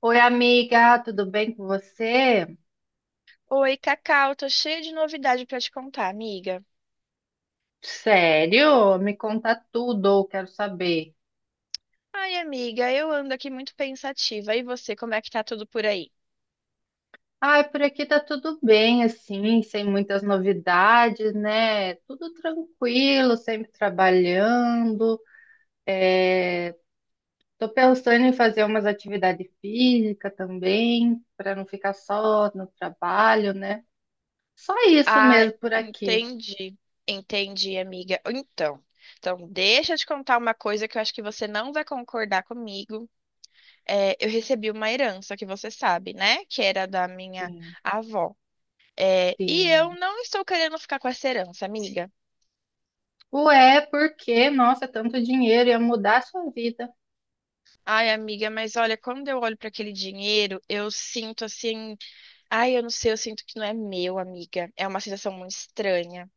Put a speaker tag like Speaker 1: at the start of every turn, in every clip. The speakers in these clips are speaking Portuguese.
Speaker 1: Oi, amiga, tudo bem com você?
Speaker 2: Oi, Cacau, tô cheia de novidade pra te contar, amiga.
Speaker 1: Sério? Me conta tudo, eu quero saber.
Speaker 2: Ai, amiga, eu ando aqui muito pensativa. E você, como é que tá tudo por aí?
Speaker 1: Ai, por aqui tá tudo bem, assim, sem muitas novidades, né? Tudo tranquilo, sempre trabalhando. Tô pensando em fazer umas atividades físicas também, para não ficar só no trabalho, né? Só isso
Speaker 2: Ah,
Speaker 1: mesmo por aqui.
Speaker 2: entendi. Entendi, amiga. Então, deixa eu te contar uma coisa que eu acho que você não vai concordar comigo. É, eu recebi uma herança que você sabe, né? Que era da minha
Speaker 1: Sim,
Speaker 2: avó. É, e eu
Speaker 1: sim.
Speaker 2: não estou querendo ficar com essa herança, amiga.
Speaker 1: Ué, por quê? Nossa, tanto dinheiro ia mudar a sua vida.
Speaker 2: Ai, amiga, mas olha, quando eu olho para aquele dinheiro, eu sinto assim. Ai, eu não sei, eu sinto que não é meu, amiga. É uma sensação muito estranha.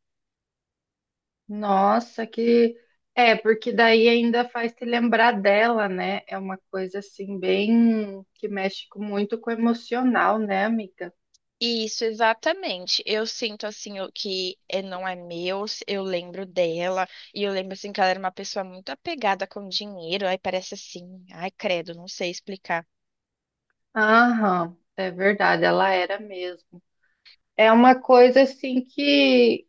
Speaker 1: Nossa, que. É, porque daí ainda faz te lembrar dela, né? É uma coisa assim, bem. Que muito com o emocional, né, amiga?
Speaker 2: Isso, exatamente. Eu sinto assim o que é, não é meu, eu lembro dela, e eu lembro assim que ela era uma pessoa muito apegada com dinheiro, aí parece assim, ai credo, não sei explicar.
Speaker 1: Aham, é verdade, ela era mesmo. É uma coisa assim que.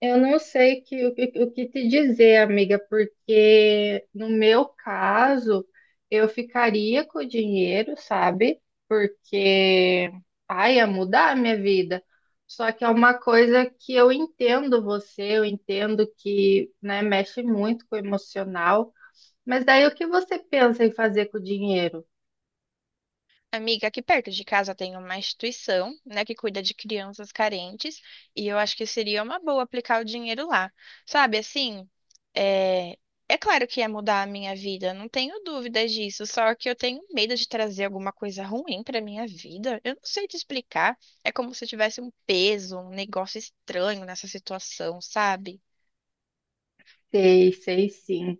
Speaker 1: Eu não sei que- o, que o que te dizer, amiga, porque no meu caso, eu ficaria com o dinheiro, sabe? Porque, ai, ia mudar a minha vida. Só que é uma coisa que eu entendo você, eu entendo que, né, mexe muito com o emocional. Mas daí o que você pensa em fazer com o dinheiro?
Speaker 2: Amiga, aqui perto de casa tem uma instituição, né, que cuida de crianças carentes, e eu acho que seria uma boa aplicar o dinheiro lá. Sabe, assim, é, é claro que ia mudar a minha vida, não tenho dúvidas disso, só que eu tenho medo de trazer alguma coisa ruim para minha vida. Eu não sei te explicar, é como se eu tivesse um peso, um negócio estranho nessa situação, sabe?
Speaker 1: Sei, sei sim.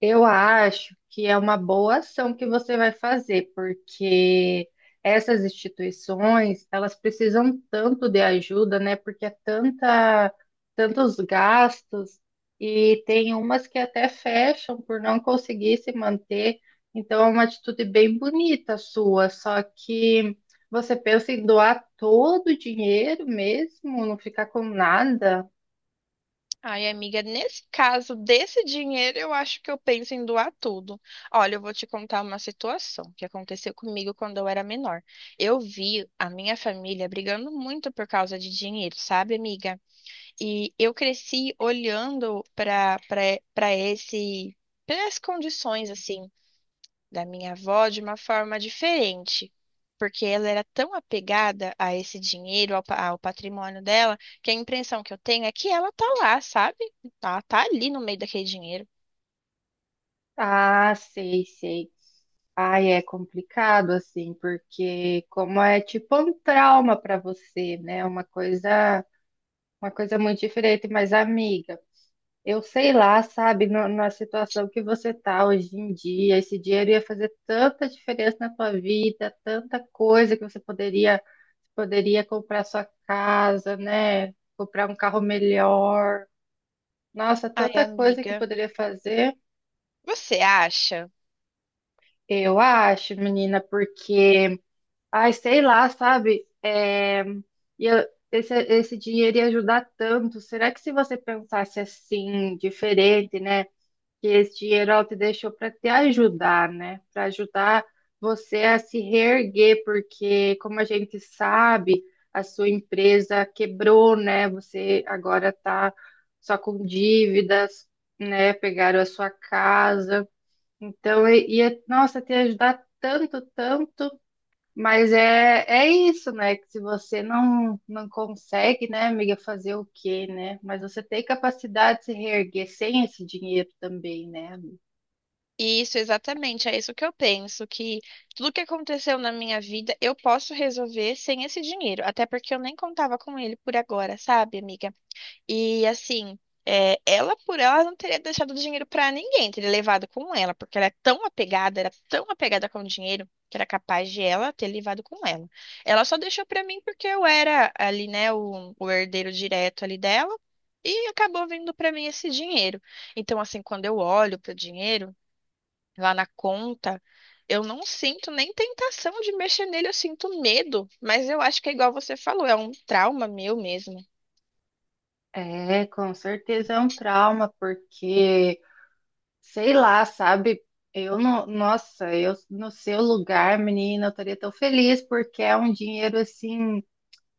Speaker 1: Eu acho que é uma boa ação que você vai fazer, porque essas instituições, elas precisam tanto de ajuda, né? Porque é tanta, tantos gastos e tem umas que até fecham por não conseguir se manter. Então é uma atitude bem bonita sua, só que você pensa em doar todo o dinheiro mesmo, não ficar com nada?
Speaker 2: Ai, amiga, nesse caso desse dinheiro, eu acho que eu penso em doar tudo. Olha, eu vou te contar uma situação que aconteceu comigo quando eu era menor. Eu vi a minha família brigando muito por causa de dinheiro, sabe, amiga? E eu cresci olhando para esse para as condições assim da minha avó de uma forma diferente, porque ela era tão apegada a esse dinheiro, ao patrimônio dela, que a impressão que eu tenho é que ela tá lá, sabe? Ela tá ali no meio daquele dinheiro.
Speaker 1: Ah, sei, sei. Ai, é complicado assim, porque como é tipo um trauma para você, né? Uma coisa muito diferente, mas amiga, eu sei lá, sabe, na situação que você tá hoje em dia, esse dinheiro ia fazer tanta diferença na tua vida, tanta coisa que você poderia comprar sua casa, né? Comprar um carro melhor. Nossa,
Speaker 2: Ai,
Speaker 1: tanta coisa que
Speaker 2: amiga,
Speaker 1: poderia fazer.
Speaker 2: você acha?
Speaker 1: Eu acho, menina, porque ai, sei lá, sabe? E eu- Esse, esse dinheiro ia ajudar tanto. Será que se você pensasse assim, diferente, né? Que esse dinheiro ela te deixou para te ajudar, né? Para ajudar você a se reerguer, porque como a gente sabe, a sua empresa quebrou, né? Você agora tá só com dívidas, né? Pegaram a sua casa. Então, ia, nossa, te ajudar tanto, tanto. Mas é, é isso, né? Que se você não, não consegue, né, amiga, fazer o quê, né? Mas você tem capacidade de se reerguer sem esse dinheiro também, né?
Speaker 2: Isso, exatamente, é isso que eu penso, que tudo que aconteceu na minha vida eu posso resolver sem esse dinheiro, até porque eu nem contava com ele por agora, sabe, amiga? E assim, é, ela por ela não teria deixado dinheiro pra ninguém, teria levado com ela, porque ela é tão apegada, era tão apegada com o dinheiro, que era capaz de ela ter levado com ela. Ela só deixou pra mim porque eu era ali, né, o herdeiro direto ali dela, e acabou vindo pra mim esse dinheiro. Então, assim, quando eu olho pro dinheiro lá na conta, eu não sinto nem tentação de mexer nele, eu sinto medo, mas eu acho que é igual você falou, é um trauma meu mesmo.
Speaker 1: É, com certeza é um trauma, porque, sei lá, sabe? Eu não, nossa, eu no seu lugar, menina, eu estaria tão feliz, porque é um dinheiro assim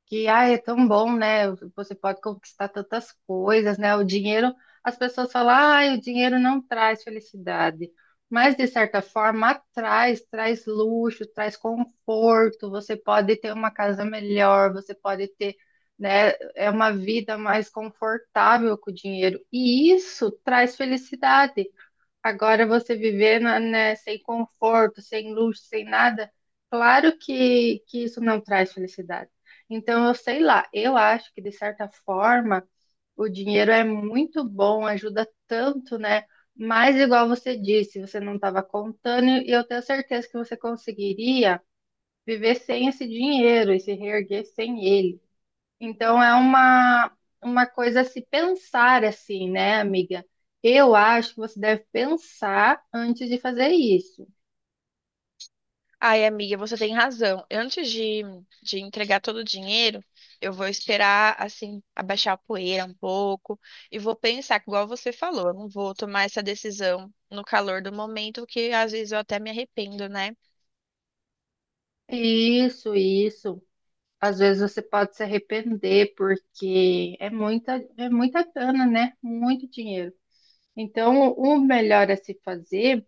Speaker 1: que ah, é tão bom, né? Você pode conquistar tantas coisas, né? O dinheiro, as pessoas falam, ah, o dinheiro não traz felicidade, mas de certa forma traz, traz luxo, traz conforto. Você pode ter uma casa melhor, você pode ter, né? É uma vida mais confortável com o dinheiro e isso traz felicidade. Agora você viver né, sem conforto, sem luxo, sem nada, claro que isso não traz felicidade. Então, eu sei lá, eu acho que de certa forma o dinheiro é muito bom, ajuda tanto, né? Mas, igual você disse, você não estava contando, e eu tenho certeza que você conseguiria viver sem esse dinheiro e se reerguer sem ele. Então é uma coisa a se pensar assim, né, amiga? Eu acho que você deve pensar antes de fazer isso.
Speaker 2: Ai, amiga, você tem razão. Antes de entregar todo o dinheiro, eu vou esperar, assim, abaixar a poeira um pouco e vou pensar, igual você falou, eu não vou tomar essa decisão no calor do momento, que às vezes eu até me arrependo, né?
Speaker 1: Isso, isso. Às vezes você pode se arrepender porque é muita grana, né? Muito dinheiro. Então, o melhor a se fazer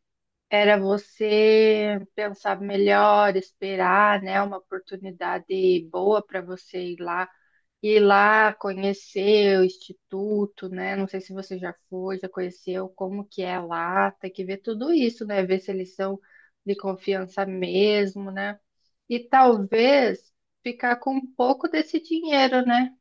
Speaker 1: era você pensar melhor, esperar, né, uma oportunidade boa para você ir lá conhecer o instituto, né? Não sei se você já foi, já conheceu, como que é lá, tem que ver tudo isso, né? Ver se eles são de confiança mesmo, né? E talvez ficar com um pouco desse dinheiro, né?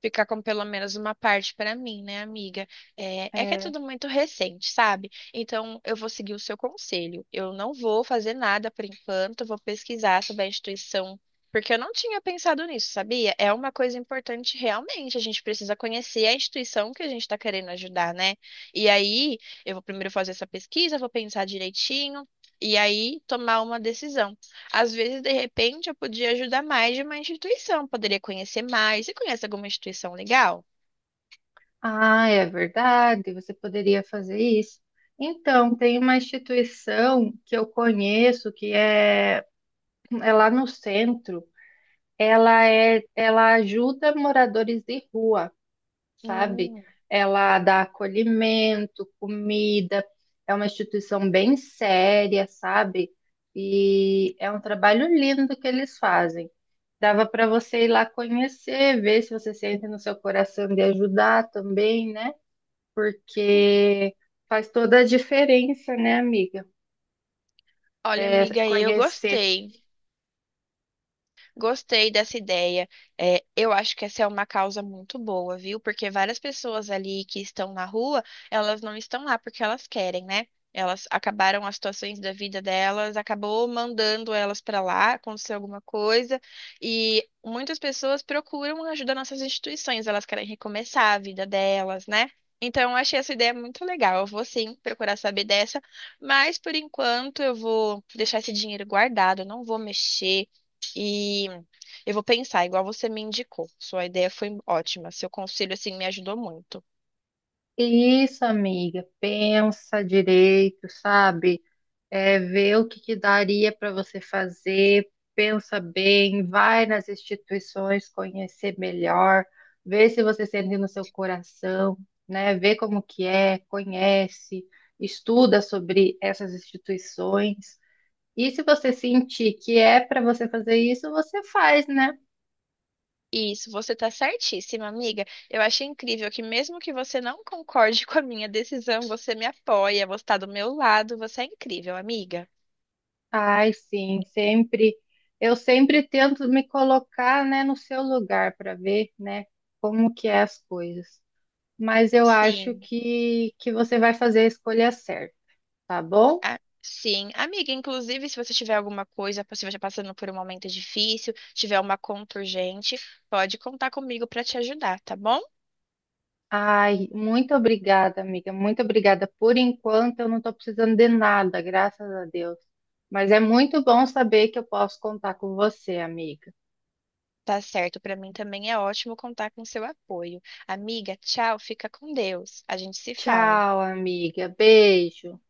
Speaker 2: Ficar com pelo menos uma parte para mim, né, amiga? É, é que é
Speaker 1: É,
Speaker 2: tudo muito recente, sabe? Então, eu vou seguir o seu conselho. Eu não vou fazer nada por enquanto, vou pesquisar sobre a instituição, porque eu não tinha pensado nisso, sabia? É uma coisa importante realmente. A gente precisa conhecer a instituição que a gente está querendo ajudar, né? E aí, eu vou primeiro fazer essa pesquisa, vou pensar direitinho. E aí, tomar uma decisão. Às vezes, de repente, eu podia ajudar mais de uma instituição, poderia conhecer mais. Você conhece alguma instituição legal?
Speaker 1: ah, é verdade, você poderia fazer isso. Então, tem uma instituição que eu conheço é lá no centro. Ela ajuda moradores de rua. Sabe?
Speaker 2: Hum,
Speaker 1: Ela dá acolhimento, comida, é uma instituição bem séria, sabe? E é um trabalho lindo que eles fazem. Dava para você ir lá conhecer, ver se você sente no seu coração de ajudar também, né? Porque faz toda a diferença, né, amiga?
Speaker 2: olha,
Speaker 1: É,
Speaker 2: amiga, eu
Speaker 1: conhecer.
Speaker 2: gostei. Gostei dessa ideia. É, eu acho que essa é uma causa muito boa, viu? Porque várias pessoas ali que estão na rua, elas não estão lá porque elas querem, né? Elas acabaram as situações da vida delas, acabou mandando elas para lá, aconteceu alguma coisa, e muitas pessoas procuram ajuda nossas instituições, elas querem recomeçar a vida delas, né? Então, eu achei essa ideia muito legal. Eu vou sim procurar saber dessa, mas por enquanto eu vou deixar esse dinheiro guardado, eu não vou mexer. E eu vou pensar, igual você me indicou. Sua ideia foi ótima. Seu conselho, assim, me ajudou muito.
Speaker 1: Isso, amiga, pensa direito, sabe? É, vê o que que daria para você fazer, pensa bem, vai nas instituições conhecer melhor, vê se você sente no seu coração, né? Vê como que é, conhece, estuda sobre essas instituições. E se você sentir que é para você fazer isso, você faz, né?
Speaker 2: Isso, você tá certíssima, amiga. Eu achei incrível que mesmo que você não concorde com a minha decisão, você me apoia, você tá do meu lado, você é incrível, amiga.
Speaker 1: Ai, sim, sempre. Eu sempre tento me colocar, né, no seu lugar para ver, né, como que é as coisas. Mas eu acho
Speaker 2: Sim.
Speaker 1: que você vai fazer a escolha certa, tá bom?
Speaker 2: A- sim, amiga, inclusive, se você tiver alguma coisa, se você estiver passando por um momento difícil, tiver uma conta urgente, pode contar comigo para te ajudar, tá bom?
Speaker 1: Ai, muito obrigada, amiga. Muito obrigada. Por enquanto, eu não estou precisando de nada, graças a Deus. Mas é muito bom saber que eu posso contar com você, amiga.
Speaker 2: Tá certo, pra mim também é ótimo contar com seu apoio. Amiga, tchau, fica com Deus. A gente se fala.
Speaker 1: Tchau, amiga. Beijo.